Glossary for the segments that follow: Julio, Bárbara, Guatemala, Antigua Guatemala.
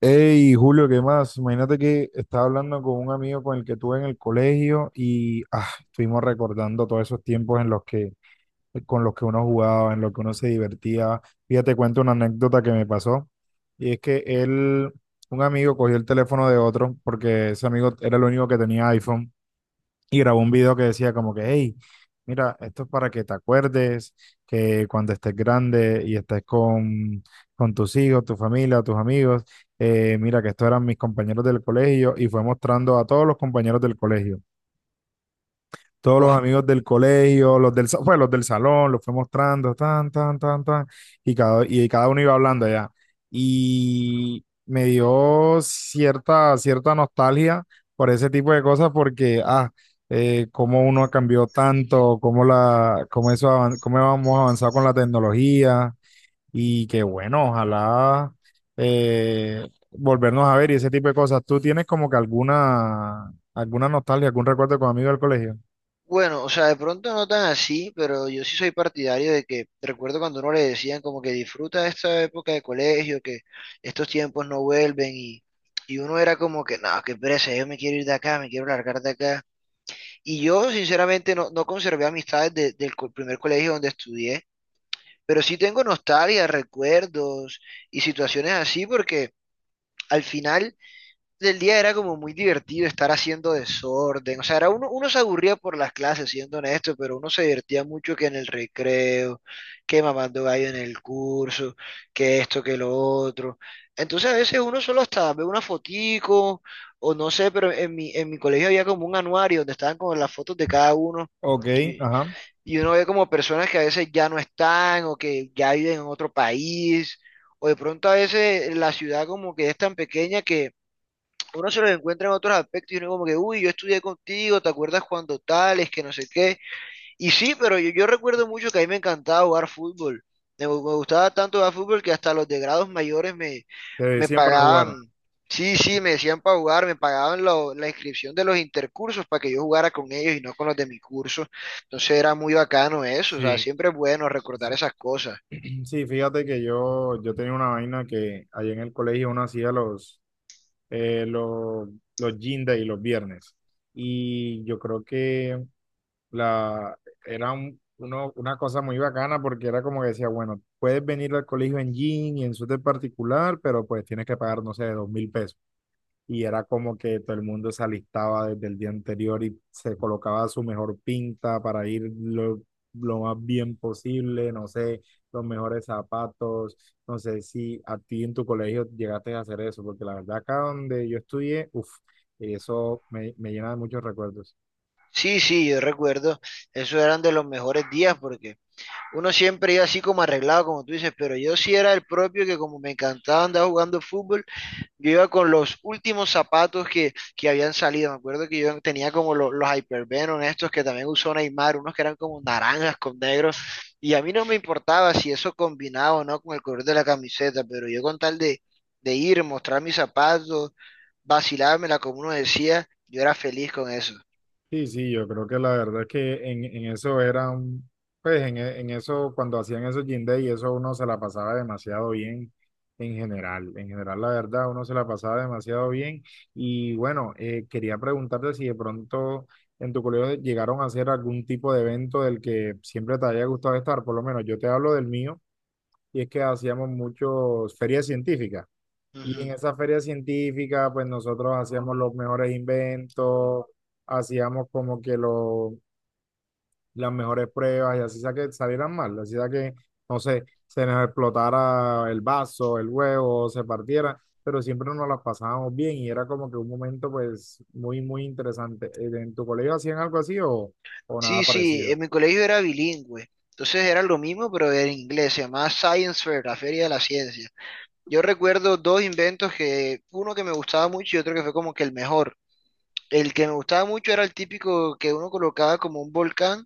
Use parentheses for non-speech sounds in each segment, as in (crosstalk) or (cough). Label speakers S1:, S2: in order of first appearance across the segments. S1: Hey, Julio, ¿qué más? Imagínate que estaba hablando con un amigo con el que tuve en el colegio y estuvimos recordando todos esos tiempos con los que uno jugaba, en los que uno se divertía. Fíjate, cuento una anécdota que me pasó y es que un amigo cogió el teléfono de otro porque ese amigo era el único que tenía iPhone y grabó un video que decía como que, hey, mira, esto es para que te acuerdes que cuando estés grande y estés con tus hijos, tu familia, tus amigos, mira que estos eran mis compañeros del colegio y fue mostrando a todos los compañeros del colegio todos los
S2: Oh,
S1: amigos del colegio, pues, los del salón, los fue mostrando, tan, tan, tan, tan, y cada uno iba hablando allá. Y me dio cierta nostalgia por ese tipo de cosas porque, cómo uno cambió tanto, cómo, la, cómo, eso, avan- cómo hemos avanzado con la tecnología y que bueno, ojalá volvernos a ver y ese tipo de cosas. ¿Tú tienes como que alguna nostalgia, algún recuerdo con amigos del colegio?
S2: bueno, o sea, de pronto no tan así, pero yo sí soy partidario de que recuerdo cuando uno le decían como que disfruta esta época de colegio, que estos tiempos no vuelven y uno era como que, no, qué pereza, yo me quiero ir de acá, me quiero largar de acá. Y yo sinceramente no conservé amistades del primer colegio donde estudié, pero sí tengo nostalgia, recuerdos y situaciones así porque al final del día era como muy divertido estar haciendo desorden. O sea, era uno se aburría por las clases, siendo honesto, pero uno se divertía mucho que en el recreo, que mamando gallo en el curso, que esto, que lo otro. Entonces a veces uno solo hasta ve una fotico, o no sé, pero en mi colegio había como un anuario donde estaban como las fotos de cada uno.
S1: Ok,
S2: Y,
S1: ajá.
S2: y uno ve como personas que a veces ya no están o que ya viven en otro país. O de pronto a veces la ciudad como que es tan pequeña que uno se los encuentra en otros aspectos y uno como que, uy, yo estudié contigo, ¿te acuerdas cuando tales, que no sé qué? Y sí, pero yo recuerdo mucho que a mí me encantaba jugar fútbol. Me gustaba tanto jugar fútbol que hasta los de grados mayores me,
S1: Te
S2: me
S1: decían para jugar.
S2: pagaban, sí, sí, me decían para jugar, me pagaban la inscripción de los intercursos para que yo jugara con ellos y no con los de mi curso. Entonces era muy bacano eso, o sea,
S1: Sí.
S2: siempre es bueno recordar
S1: (clears throat)
S2: esas cosas.
S1: Sí, fíjate que yo tenía una vaina que allá en el colegio uno hacía eh, los, los gym day los viernes. Y yo creo que la, era una cosa muy bacana porque era como que decía, bueno, puedes venir al colegio en jean y en suéter particular, pero pues tienes que pagar, no sé, 2.000 pesos. Y era como que todo el mundo se alistaba desde el día anterior y se colocaba su mejor pinta para ir lo más bien posible, no sé, los mejores zapatos, no sé si a ti en tu colegio llegaste a hacer eso, porque la verdad acá donde yo estudié, uff, eso me llena de muchos recuerdos.
S2: Sí, sí, yo recuerdo, esos eran de los mejores días porque uno siempre iba así como arreglado, como tú dices, pero yo sí era el propio que como me encantaba andar jugando fútbol, yo iba con los últimos zapatos que habían salido. Me acuerdo que yo tenía como los Hypervenom estos que también usó Neymar, unos que eran como naranjas con negros, y a mí no me importaba si eso combinaba o no con el color de la camiseta, pero yo con tal de ir, mostrar mis zapatos, vacilármela como uno decía, yo era feliz con eso.
S1: Sí, sí, yo creo que la verdad es que en eso eran, pues en eso, cuando hacían esos gym day, eso uno se la pasaba demasiado bien en general. En general, la verdad, uno se la pasaba demasiado bien. Y bueno, quería preguntarte si de pronto en tu colegio llegaron a hacer algún tipo de evento del que siempre te haya gustado estar, por lo menos yo te hablo del mío, y es que hacíamos muchos ferias científicas. Y en esa feria científica, pues nosotros hacíamos los mejores inventos, hacíamos como que las mejores pruebas y así sea que salieran mal, así sea que, no sé, se nos explotara el vaso, el huevo, se partiera, pero siempre nos las pasábamos bien y era como que un momento pues muy, muy interesante. ¿En tu colegio hacían algo así o nada
S2: Sí, sí,
S1: parecido?
S2: en mi colegio era bilingüe. Entonces era lo mismo, pero en inglés. Se llamaba Science Fair, la Feria de la Ciencia. Yo recuerdo dos inventos que, uno que me gustaba mucho y otro que fue como que el mejor. El que me gustaba mucho era el típico que uno colocaba como un volcán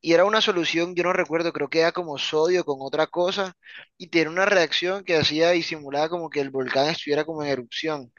S2: y era una solución, yo no recuerdo, creo que era como sodio con otra cosa y tenía una reacción que hacía y simulaba como que el volcán estuviera como en erupción.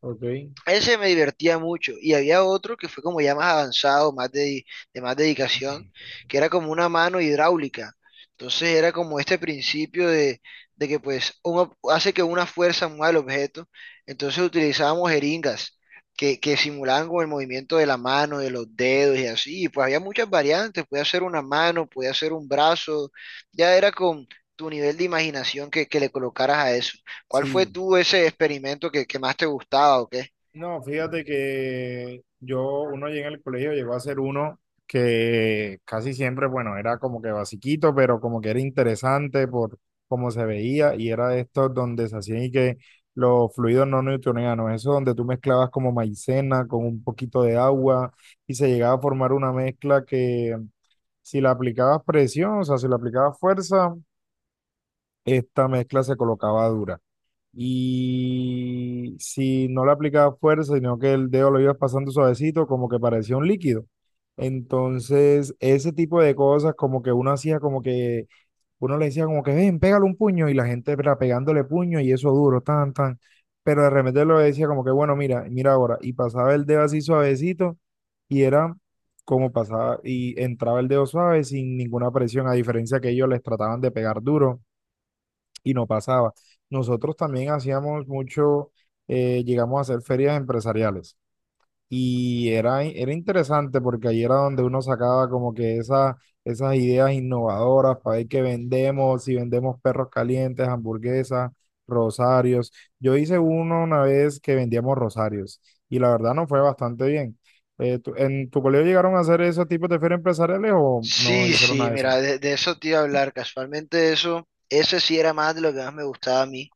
S1: Ok.
S2: Ese me divertía mucho. Y había otro que fue como ya más avanzado, más de más dedicación, que era como una mano hidráulica. Entonces era como este principio de que pues uno hace que una fuerza mueva el objeto. Entonces utilizábamos jeringas que simulaban como el movimiento de la mano, de los dedos y así. Y pues había muchas variantes. Podía ser una mano, podía ser un brazo. Ya era con tu nivel de imaginación que le colocaras a eso. ¿Cuál fue
S1: Sí.
S2: tú ese experimento que más te gustaba o qué?
S1: No, fíjate que uno allí en el colegio llegó a ser uno que casi siempre, bueno, era como que basiquito, pero como que era interesante por cómo se veía y era de estos donde se hacían y que los fluidos no newtonianos, eso donde tú mezclabas como maicena con un poquito de agua y se llegaba a formar una mezcla que si la aplicabas presión, o sea, si la aplicabas fuerza, esta mezcla se colocaba dura. Y si no le aplicaba fuerza, sino que el dedo lo ibas pasando suavecito, como que parecía un líquido. Entonces, ese tipo de cosas, como que uno hacía como que, uno le decía como que, ven, pégale un puño, y la gente era pegándole puño y eso duro, tan, tan. Pero de repente lo decía como que, bueno, mira, mira ahora, y pasaba el dedo así suavecito, y era como pasaba, y entraba el dedo suave sin ninguna presión, a diferencia que ellos les trataban de pegar duro y no pasaba. Nosotros también hacíamos mucho, llegamos a hacer ferias empresariales y era interesante porque ahí era donde uno sacaba como que esas ideas innovadoras para ver qué vendemos, si vendemos perros calientes, hamburguesas, rosarios. Yo hice uno una vez que vendíamos rosarios y la verdad no fue bastante bien. ¿En tu colegio llegaron a hacer esos tipos de ferias empresariales o no
S2: Sí,
S1: hicieron nada
S2: sí,
S1: de eso?
S2: mira, de eso te iba a hablar, casualmente eso, ese sí era más de lo que más me gustaba a mí.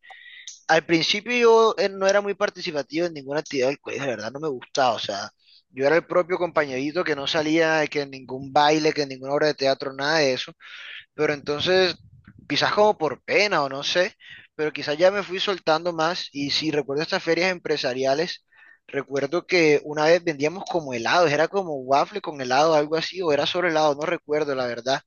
S2: Al principio yo no era muy participativo en ninguna actividad del colegio, de verdad no me gustaba, o sea, yo era el propio compañerito que no salía, que en ningún baile, que en ninguna obra de teatro, nada de eso, pero entonces quizás como por pena o no sé, pero quizás ya me fui soltando más y si recuerdo estas ferias empresariales, recuerdo que una vez vendíamos como helados, era como waffle con helado, algo así, o era sobre helado, no recuerdo la verdad.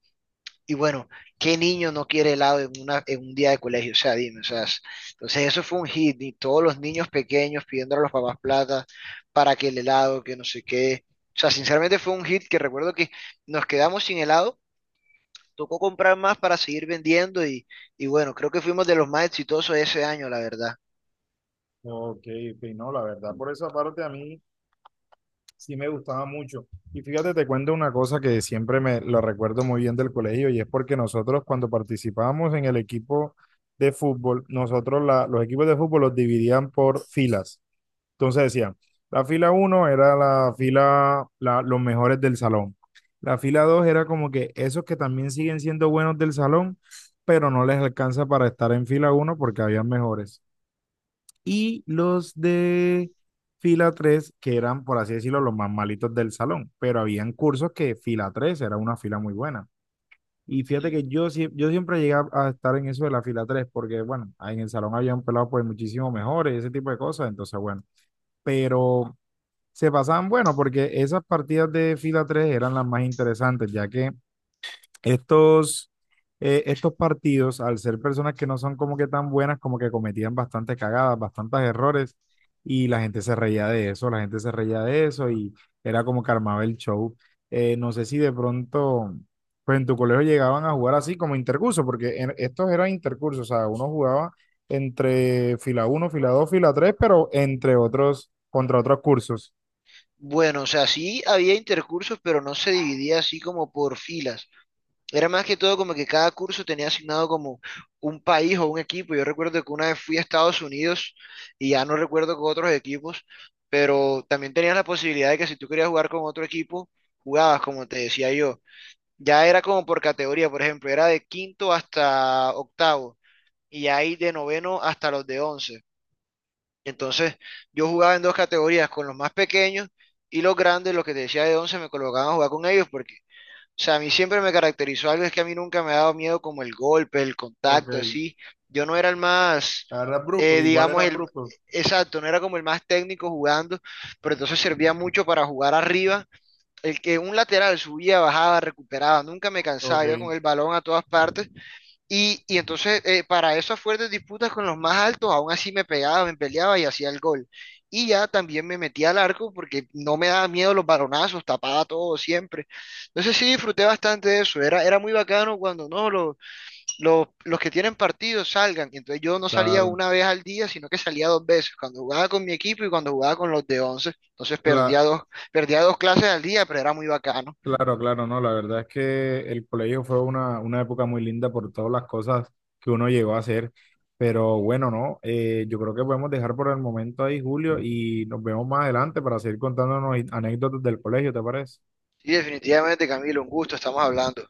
S2: Y bueno, ¿qué niño no quiere helado en un día de colegio? O sea, dime, o sea, es- entonces eso fue un hit y todos los niños pequeños pidiendo a los papás plata para que el helado, que no sé qué. O sea, sinceramente fue un hit que recuerdo que nos quedamos sin helado, tocó comprar más para seguir vendiendo y bueno, creo que fuimos de los más exitosos ese año, la verdad.
S1: Ok, ok, no, la verdad, por esa parte a mí, sí, me gustaba mucho. Y fíjate, te cuento una cosa que siempre me lo recuerdo muy bien del colegio y es porque nosotros cuando participábamos en el equipo de fútbol, nosotros los equipos de fútbol los dividían por filas. Entonces decían, la fila uno era los mejores del salón. La fila 2 era como que esos que también siguen siendo buenos del salón, pero no les alcanza para estar en fila uno porque había mejores y los de fila 3 que eran, por así decirlo, los más malitos del salón, pero habían cursos que fila 3 era una fila muy buena. Y fíjate
S2: Ujú.
S1: que yo siempre llegué a estar en eso de la fila 3 porque bueno, en el salón habían pelado pues muchísimo mejores, ese tipo de cosas, entonces bueno, pero se pasaban bueno, porque esas partidas de fila 3 eran las más interesantes, ya que estos, estos partidos, al ser personas que no son como que tan buenas, como que cometían bastantes cagadas, bastantes errores, y la gente se reía de eso, la gente se reía de eso, y era como que armaba el show. No sé si de pronto, pues en tu colegio llegaban a jugar así como intercurso, porque estos eran intercursos, o sea, uno jugaba entre fila uno fila 2 fila 3 pero contra otros cursos.
S2: Bueno, o sea, sí había intercursos, pero no se dividía así como por filas. Era más que todo como que cada curso tenía asignado como un país o un equipo. Yo recuerdo que una vez fui a Estados Unidos y ya no recuerdo con otros equipos, pero también tenías la posibilidad de que si tú querías jugar con otro equipo, jugabas, como te decía yo. Ya era como por categoría, por ejemplo, era de quinto hasta octavo, y hay de noveno hasta los de 11. Entonces, yo jugaba en dos categorías, con los más pequeños y los grandes, los que te decía de 11, me colocaban a jugar con ellos porque, o sea, a mí siempre me caracterizó algo, es que a mí nunca me ha dado miedo como el golpe, el
S1: Ok,
S2: contacto, así. Yo no era el más,
S1: era brusco, igual
S2: digamos,
S1: era
S2: el...
S1: brusco.
S2: Exacto, no era como el más técnico jugando, pero entonces servía mucho para jugar arriba. El que un lateral subía, bajaba, recuperaba, nunca me cansaba, iba con
S1: Ok.
S2: el balón a todas partes y entonces, para esas fuertes disputas con los más altos, aún así me pegaba, me peleaba y hacía el gol. Y ya también me metía al arco porque no me daba miedo los balonazos, tapaba todo siempre. Entonces sí disfruté bastante de eso. Era, era muy bacano cuando no, los que tienen partidos salgan. Y entonces yo no salía
S1: Claro,
S2: una vez al día, sino que salía dos veces, cuando jugaba con mi equipo y cuando jugaba con los de 11. Entonces
S1: cla-
S2: perdía dos clases al día, pero era muy bacano.
S1: Claro, claro, no, la verdad es que el colegio fue una época muy linda por todas las cosas que uno llegó a hacer, pero bueno, no, yo creo que podemos dejar por el momento ahí, Julio, y nos vemos más adelante para seguir contándonos anécdotas del colegio, ¿te parece?
S2: Sí, definitivamente, Camilo, un gusto, estamos hablando.